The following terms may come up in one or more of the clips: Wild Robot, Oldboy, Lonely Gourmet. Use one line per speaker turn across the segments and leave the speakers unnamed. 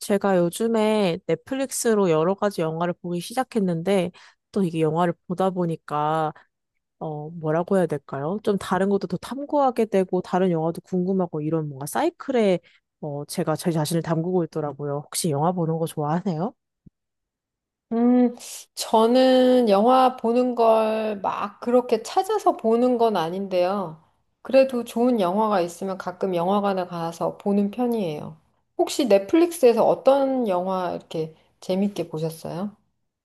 제가 요즘에 넷플릭스로 여러 가지 영화를 보기 시작했는데, 또 이게 영화를 보다 보니까, 뭐라고 해야 될까요? 좀 다른 것도 더 탐구하게 되고, 다른 영화도 궁금하고, 이런 뭔가 사이클에, 제가 제 자신을 담그고 있더라고요. 혹시 영화 보는 거 좋아하세요?
음, 저는 영화 보는 걸 막 그렇게 찾아서 보는 건 아닌데요. 그래도 좋은 영화가 있으면 가끔 영화관에 가서 보는 편이에요. 혹시 넷플릭스에서 어떤 영화 이렇게 재밌게 보셨어요?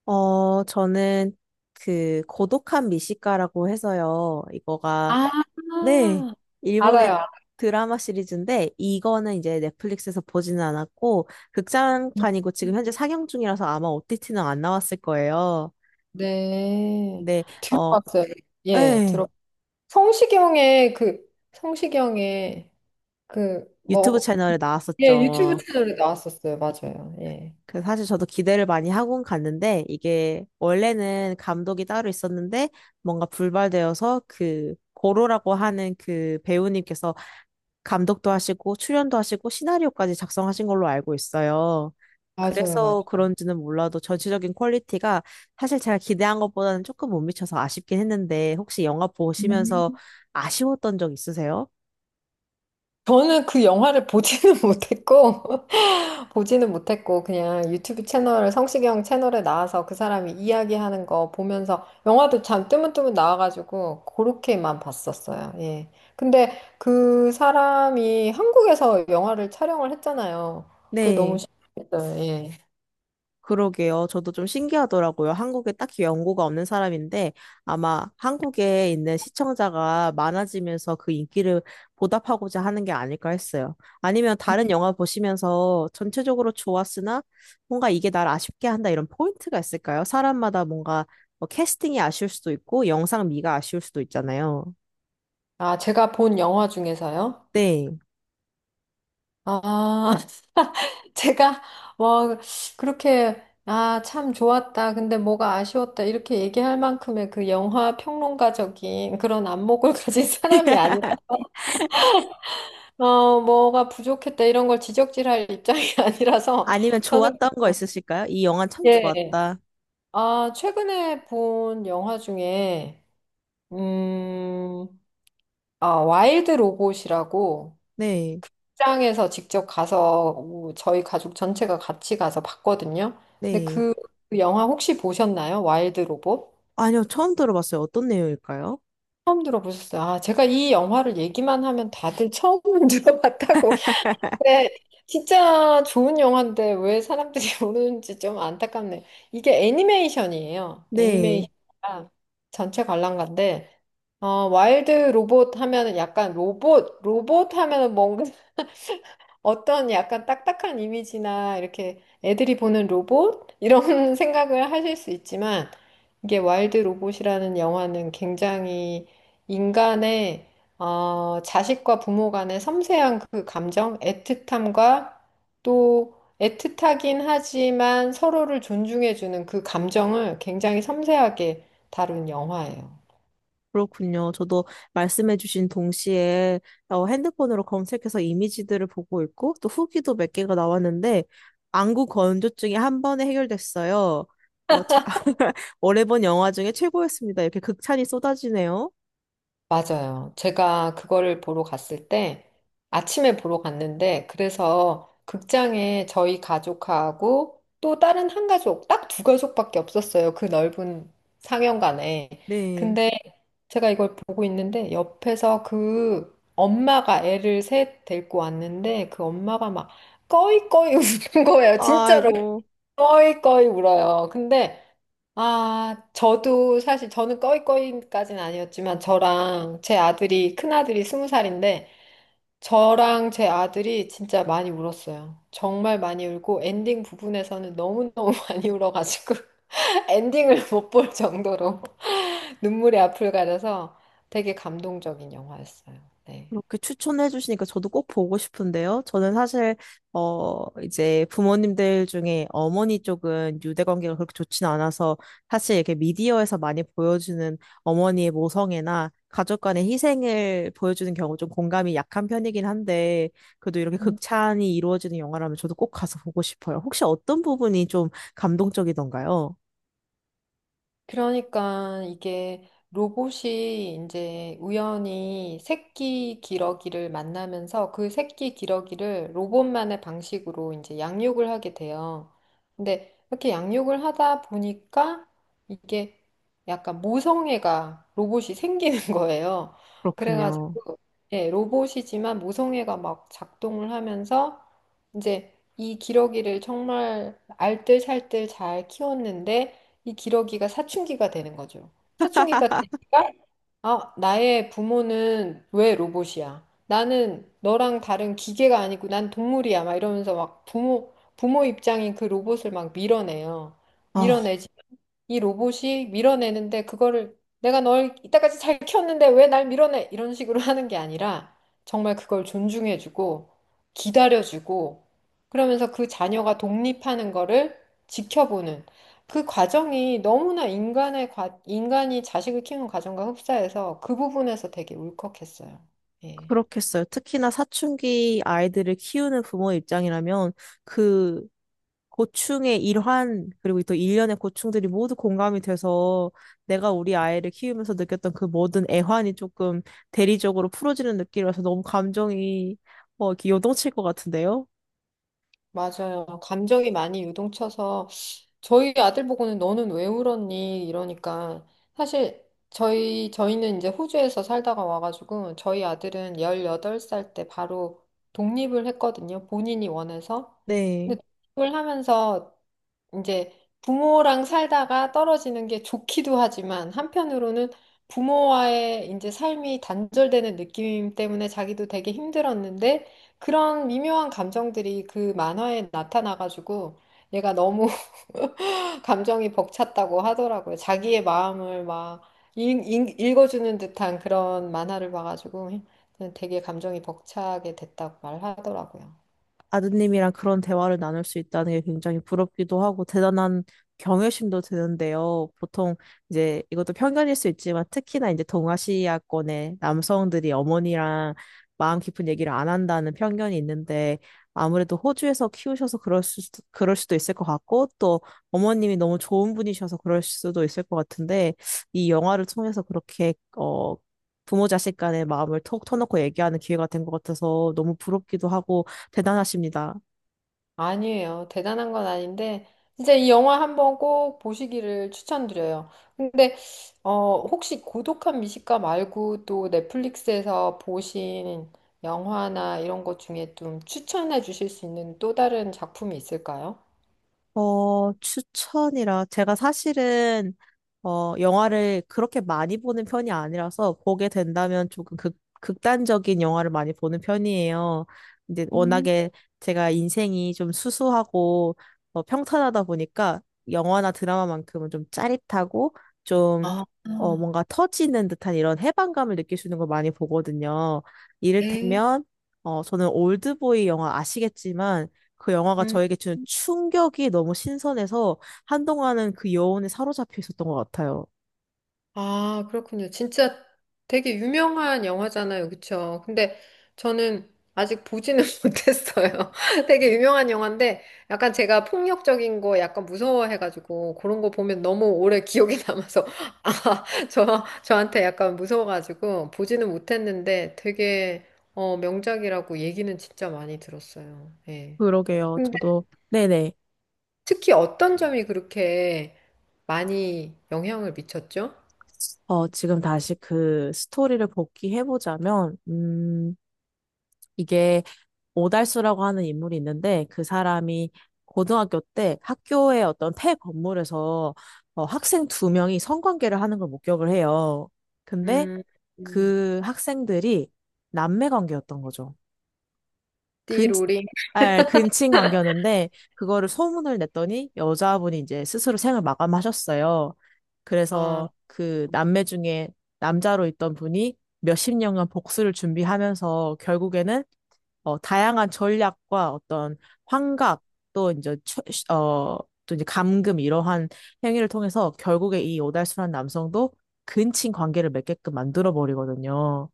저는 그, 고독한 미식가라고 해서요. 이거가
아,
네, 일본의
알아요.
드라마 시리즈인데 이거는 이제 넷플릭스에서 보지는 않았고 극장판이고 지금 현재 상영 중이라서 아마 OTT는 안 나왔을 거예요.
네.
근데 어,
들어봤어요. 예,
예,
들어. 성시경의 그, 성시경의 그,
유튜브
뭐,
채널에
예, 유튜브
나왔었죠.
채널에 나왔었어요. 맞아요. 예.
그 사실 저도 기대를 많이 하고 갔는데 이게 원래는 감독이 따로 있었는데 뭔가 불발되어서 그 고로라고 하는 그 배우님께서 감독도 하시고 출연도 하시고 시나리오까지 작성하신 걸로 알고 있어요.
맞아요, 맞아요.
그래서 그런지는 몰라도 전체적인 퀄리티가 사실 제가 기대한 것보다는 조금 못 미쳐서 아쉽긴 했는데 혹시 영화 보시면서
음.
아쉬웠던 적 있으세요?
저는 그 영화를 보지는 못했고, 보지는 못했고, 그냥 유튜브 채널, 성시경 채널에 나와서 그 사람이 이야기하는 거 보면서, 영화도 참 뜨문뜨문 나와가지고, 그렇게만 봤었어요. 예. 근데 그 사람이 한국에서 영화를 촬영을 했잖아요. 그게 너무
네.
신기했어요. 예.
그러게요. 저도 좀 신기하더라고요. 한국에 딱히 연고가 없는 사람인데 아마 한국에 있는 시청자가 많아지면서 그 인기를 보답하고자 하는 게 아닐까 했어요. 아니면 다른 영화 보시면서 전체적으로 좋았으나 뭔가 이게 날 아쉽게 한다 이런 포인트가 있을까요? 사람마다 뭔가 뭐 캐스팅이 아쉬울 수도 있고 영상미가 아쉬울 수도 있잖아요.
아, 제가 본 영화 중에서요?
네.
아, 제가 뭐 그렇게 아, 참 좋았다. 근데 뭐가 아쉬웠다. 이렇게 얘기할 만큼의 그 영화 평론가적인 그런 안목을 가진 사람이 아니라 뭐가 부족했다 이런 걸 지적질할 입장이 아니라서
아니면
저는
좋았던 거 있으실까요? 이 영화 참
그게
좋았다.
아, 최근에 본 영화 중에 음, 아, 와일드 로봇이라고
네.
출장에서 직접 가서 오, 저희 가족 전체가 같이 가서 봤거든요. 근데
네.
그 영화 혹시 보셨나요? 와일드 로봇?
아니요, 처음 들어봤어요. 어떤 내용일까요?
처음 들어보셨어요? 아, 제가 이 영화를 얘기만 하면 다들 처음 들어봤다고. 네, 진짜 좋은 영화인데 왜 사람들이 모르는지 좀 안타깝네요. 이게 애니메이션이에요.
네,
애니메이션이라 전체 관람가인데 와일드 로봇 하면은 약간 로봇, 로봇 하면은 뭔가 어떤 약간 딱딱한 이미지나 이렇게 애들이 보는 로봇? 이런 생각을 하실 수 있지만 이게 와일드 로봇이라는 영화는 굉장히 인간의 자식과 부모 간의 섬세한 그 감정, 애틋함과 또 애틋하긴 하지만 서로를 존중해주는 그 감정을 굉장히 섬세하게 다룬 영화예요.
그렇군요. 저도 말씀해주신 동시에 핸드폰으로 검색해서 이미지들을 보고 있고 또 후기도 몇 개가 나왔는데 안구 건조증이 한 번에 해결됐어요. 어, 자, 오래 본 영화 중에 최고였습니다. 이렇게 극찬이 쏟아지네요.
맞아요. 제가 그거를 보러 갔을 때 아침에 보러 갔는데 그래서 극장에 저희 가족하고 또 다른 한 가족, 딱 두 가족밖에 없었어요. 그 넓은 상영관에.
네.
근데 제가 이걸 보고 있는데 옆에서 그 엄마가 애를 셋 데리고 왔는데 그 엄마가 막 꺼이꺼이 우는 거예요. 진짜로
아이고.
꺼이꺼이 울어요. 근데 아, 저도 사실 저는 꺼이꺼이까지는 아니었지만 저랑 제 아들이 큰아들이 스무 살인데 저랑 제 아들이 진짜 많이 울었어요. 정말 많이 울고 엔딩 부분에서는 너무너무 많이 울어가지고 엔딩을 못 볼 정도로 눈물의 앞을 가려서 되게 감동적인 영화였어요. 네.
그렇게 추천해 주시니까 저도 꼭 보고 싶은데요. 저는 사실 이제 부모님들 중에 어머니 쪽은 유대 관계가 그렇게 좋진 않아서 사실 이렇게 미디어에서 많이 보여주는 어머니의 모성애나 가족 간의 희생을 보여주는 경우 좀 공감이 약한 편이긴 한데 그래도 이렇게 극찬이 이루어지는 영화라면 저도 꼭 가서 보고 싶어요. 혹시 어떤 부분이 좀 감동적이던가요?
그러니까 이게 로봇이 이제 우연히 새끼 기러기를 만나면서 그 새끼 기러기를 로봇만의 방식으로 이제 양육을 하게 돼요. 근데 이렇게 양육을 하다 보니까 이게 약간 모성애가 로봇이 생기는 거예요.
그렇군요.
그래가지고 예, 로봇이지만 모성애가 막 작동을 하면서 이제 이 기러기를 정말 알뜰살뜰 잘 키웠는데 이 기러기가 사춘기가 되는 거죠. 사춘기가 되니까, 아, 나의 부모는 왜 로봇이야? 나는 너랑 다른 기계가 아니고 난 동물이야. 막 이러면서 막 부모 입장인 그 로봇을 막 밀어내요.
아,
밀어내지. 이 로봇이 밀어내는데 그거를 내가 널 이때까지 잘 키웠는데 왜 날 밀어내? 이런 식으로 하는 게 아니라 정말 그걸 존중해주고 기다려주고 그러면서 그 자녀가 독립하는 거를 지켜보는 그 과정이 너무나 인간이 자식을 키우는 과정과 흡사해서 그 부분에서 되게 울컥했어요. 예.
그렇겠어요. 특히나 사춘기 아이들을 키우는 부모 입장이라면 그 고충의 일환, 그리고 또 일련의 고충들이 모두 공감이 돼서 내가 우리 아이를 키우면서 느꼈던 그 모든 애환이 조금 대리적으로 풀어지는 느낌이라서 너무 감정이 뭐 이렇게 요동칠 것 같은데요?
맞아요. 감정이 많이 유동쳐서 저희 아들 보고는 너는 왜 울었니? 이러니까 사실 저희는 이제 호주에서 살다가 와가지고 저희 아들은 18살 때 바로 독립을 했거든요. 본인이 원해서.
네.
근데 독립을 하면서 이제 부모랑 살다가 떨어지는 게 좋기도 하지만 한편으로는 부모와의 이제 삶이 단절되는 느낌 때문에 자기도 되게 힘들었는데 그런 미묘한 감정들이 그 만화에 나타나가지고 얘가 너무 감정이 벅찼다고 하더라고요. 자기의 마음을 막 읽어주는 듯한 그런 만화를 봐가지고 되게 감정이 벅차게 됐다고 말하더라고요.
아드님이랑 그런 대화를 나눌 수 있다는 게 굉장히 부럽기도 하고 대단한 경외심도 드는데요. 보통 이제 이것도 편견일 수 있지만 특히나 이제 동아시아권의 남성들이 어머니랑 마음 깊은 얘기를 안 한다는 편견이 있는데 아무래도 호주에서 키우셔서 그럴 수도 있을 것 같고 또 어머님이 너무 좋은 분이셔서 그럴 수도 있을 것 같은데 이 영화를 통해서 그렇게 부모 자식 간의 마음을 톡 터놓고 얘기하는 기회가 된 것 같아서 너무 부럽기도 하고 대단하십니다.
아니에요. 대단한 건 아닌데, 진짜 이 영화 한번 꼭 보시기를 추천드려요. 근데, 혹시 고독한 미식가 말고 또 넷플릭스에서 보신 영화나 이런 것 중에 좀 추천해 주실 수 있는 또 다른 작품이 있을까요?
추천이라. 제가 사실은, 영화를 그렇게 많이 보는 편이 아니라서 보게 된다면 조금 극단적인 영화를 많이 보는 편이에요. 근데
음,
워낙에 제가 인생이 좀 수수하고 평탄하다 보니까 영화나 드라마만큼은 좀 짜릿하고 좀
아, 아.
뭔가 터지는 듯한 이런 해방감을 느낄 수 있는 걸 많이 보거든요.
네.
이를테면, 저는 올드보이 영화 아시겠지만 그 영화가
음
저에게 주는 충격이 너무 신선해서 한동안은 그 여운에 사로잡혀 있었던 것 같아요.
아, 그렇군요. 진짜 되게 유명한 영화잖아요. 그쵸? 근데 저는 아직 보지는 못했어요. 되게 유명한 영화인데 약간 제가 폭력적인 거 약간 무서워해가지고 그런 거 보면 너무 오래 기억이 남아서 아, 저한테 약간 무서워가지고 보지는 못했는데 되게 명작이라고 얘기는 진짜 많이 들었어요. 예.
그러게요.
근데
저도, 네네.
특히 어떤 점이 그렇게 많이 영향을 미쳤죠?
지금 다시 그 스토리를 복귀해보자면, 이게 오달수라고 하는 인물이 있는데, 그 사람이 고등학교 때 학교의 어떤 폐 건물에서 학생 두 명이 성관계를 하는 걸 목격을 해요. 근데
음. 음.
그 학생들이 남매 관계였던 거죠. 근,
띠로리.
근친 관계였는데 그거를 소문을 냈더니 여자분이 이제 스스로 생을 마감하셨어요.
아,
그래서 그 남매 중에 남자로 있던 분이 몇십 년간 복수를 준비하면서 결국에는 다양한 전략과 어떤 환각 또 이제 최- 어, 또 이제 감금 이러한 행위를 통해서 결국에 이 오달수란 남성도 근친 관계를 맺게끔 만들어 버리거든요.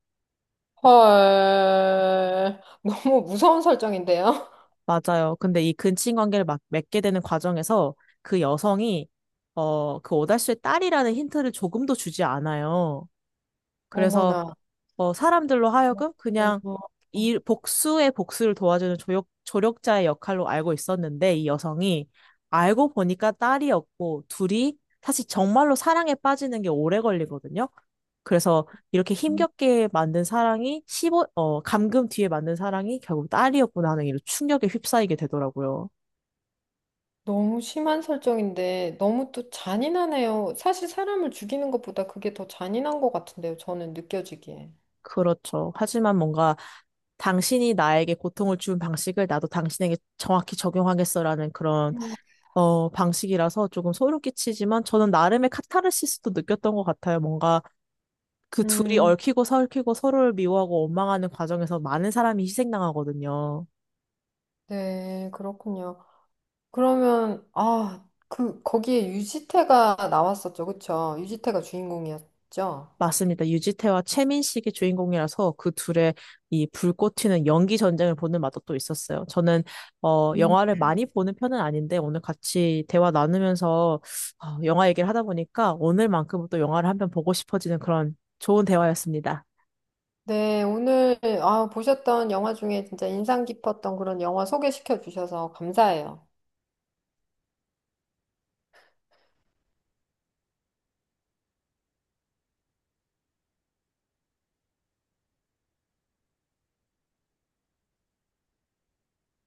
헐. 너무 무서운 설정인데요?
맞아요. 근데 이 근친 관계를 막 맺게 되는 과정에서 그 여성이 그 오달수의 딸이라는 힌트를 조금도 주지 않아요. 그래서
어머나.
사람들로 하여금 그냥
어머,
이 복수의 복수를 도와주는 조력자의 역할로 알고 있었는데 이 여성이 알고 보니까 딸이었고 둘이 사실 정말로 사랑에 빠지는 게 오래 걸리거든요. 그래서 이렇게
음,
힘겹게 만든 사랑이 감금 뒤에 만든 사랑이 결국 딸이었구나 하는 이런 충격에 휩싸이게 되더라고요.
너무 심한 설정인데 너무 또 잔인하네요. 사실 사람을 죽이는 것보다 그게 더 잔인한 것 같은데요. 저는 느껴지기에.
그렇죠. 하지만 뭔가 당신이 나에게 고통을 준 방식을 나도 당신에게 정확히 적용하겠어라는 그런 방식이라서 조금 소름 끼치지만 저는 나름의 카타르시스도 느꼈던 것 같아요. 뭔가 그 둘이
음,
얽히고 설키고 서로를 미워하고 원망하는 과정에서 많은 사람이 희생당하거든요.
네, 그렇군요. 그러면 아, 그 거기에 유지태가 나왔었죠. 그쵸? 유지태가 주인공이었죠.
맞습니다. 유지태와 최민식이 주인공이라서 그 둘의 이 불꽃 튀는 연기 전쟁을 보는 맛도 또 있었어요. 저는 영화를 많이 보는 편은 아닌데 오늘 같이 대화 나누면서 영화 얘기를 하다 보니까 오늘만큼은 또 영화를 한편 보고 싶어지는 그런 좋은 대화였습니다.
네, 오늘 아, 보셨던 영화 중에 진짜 인상 깊었던 그런 영화 소개시켜 주셔서 감사해요.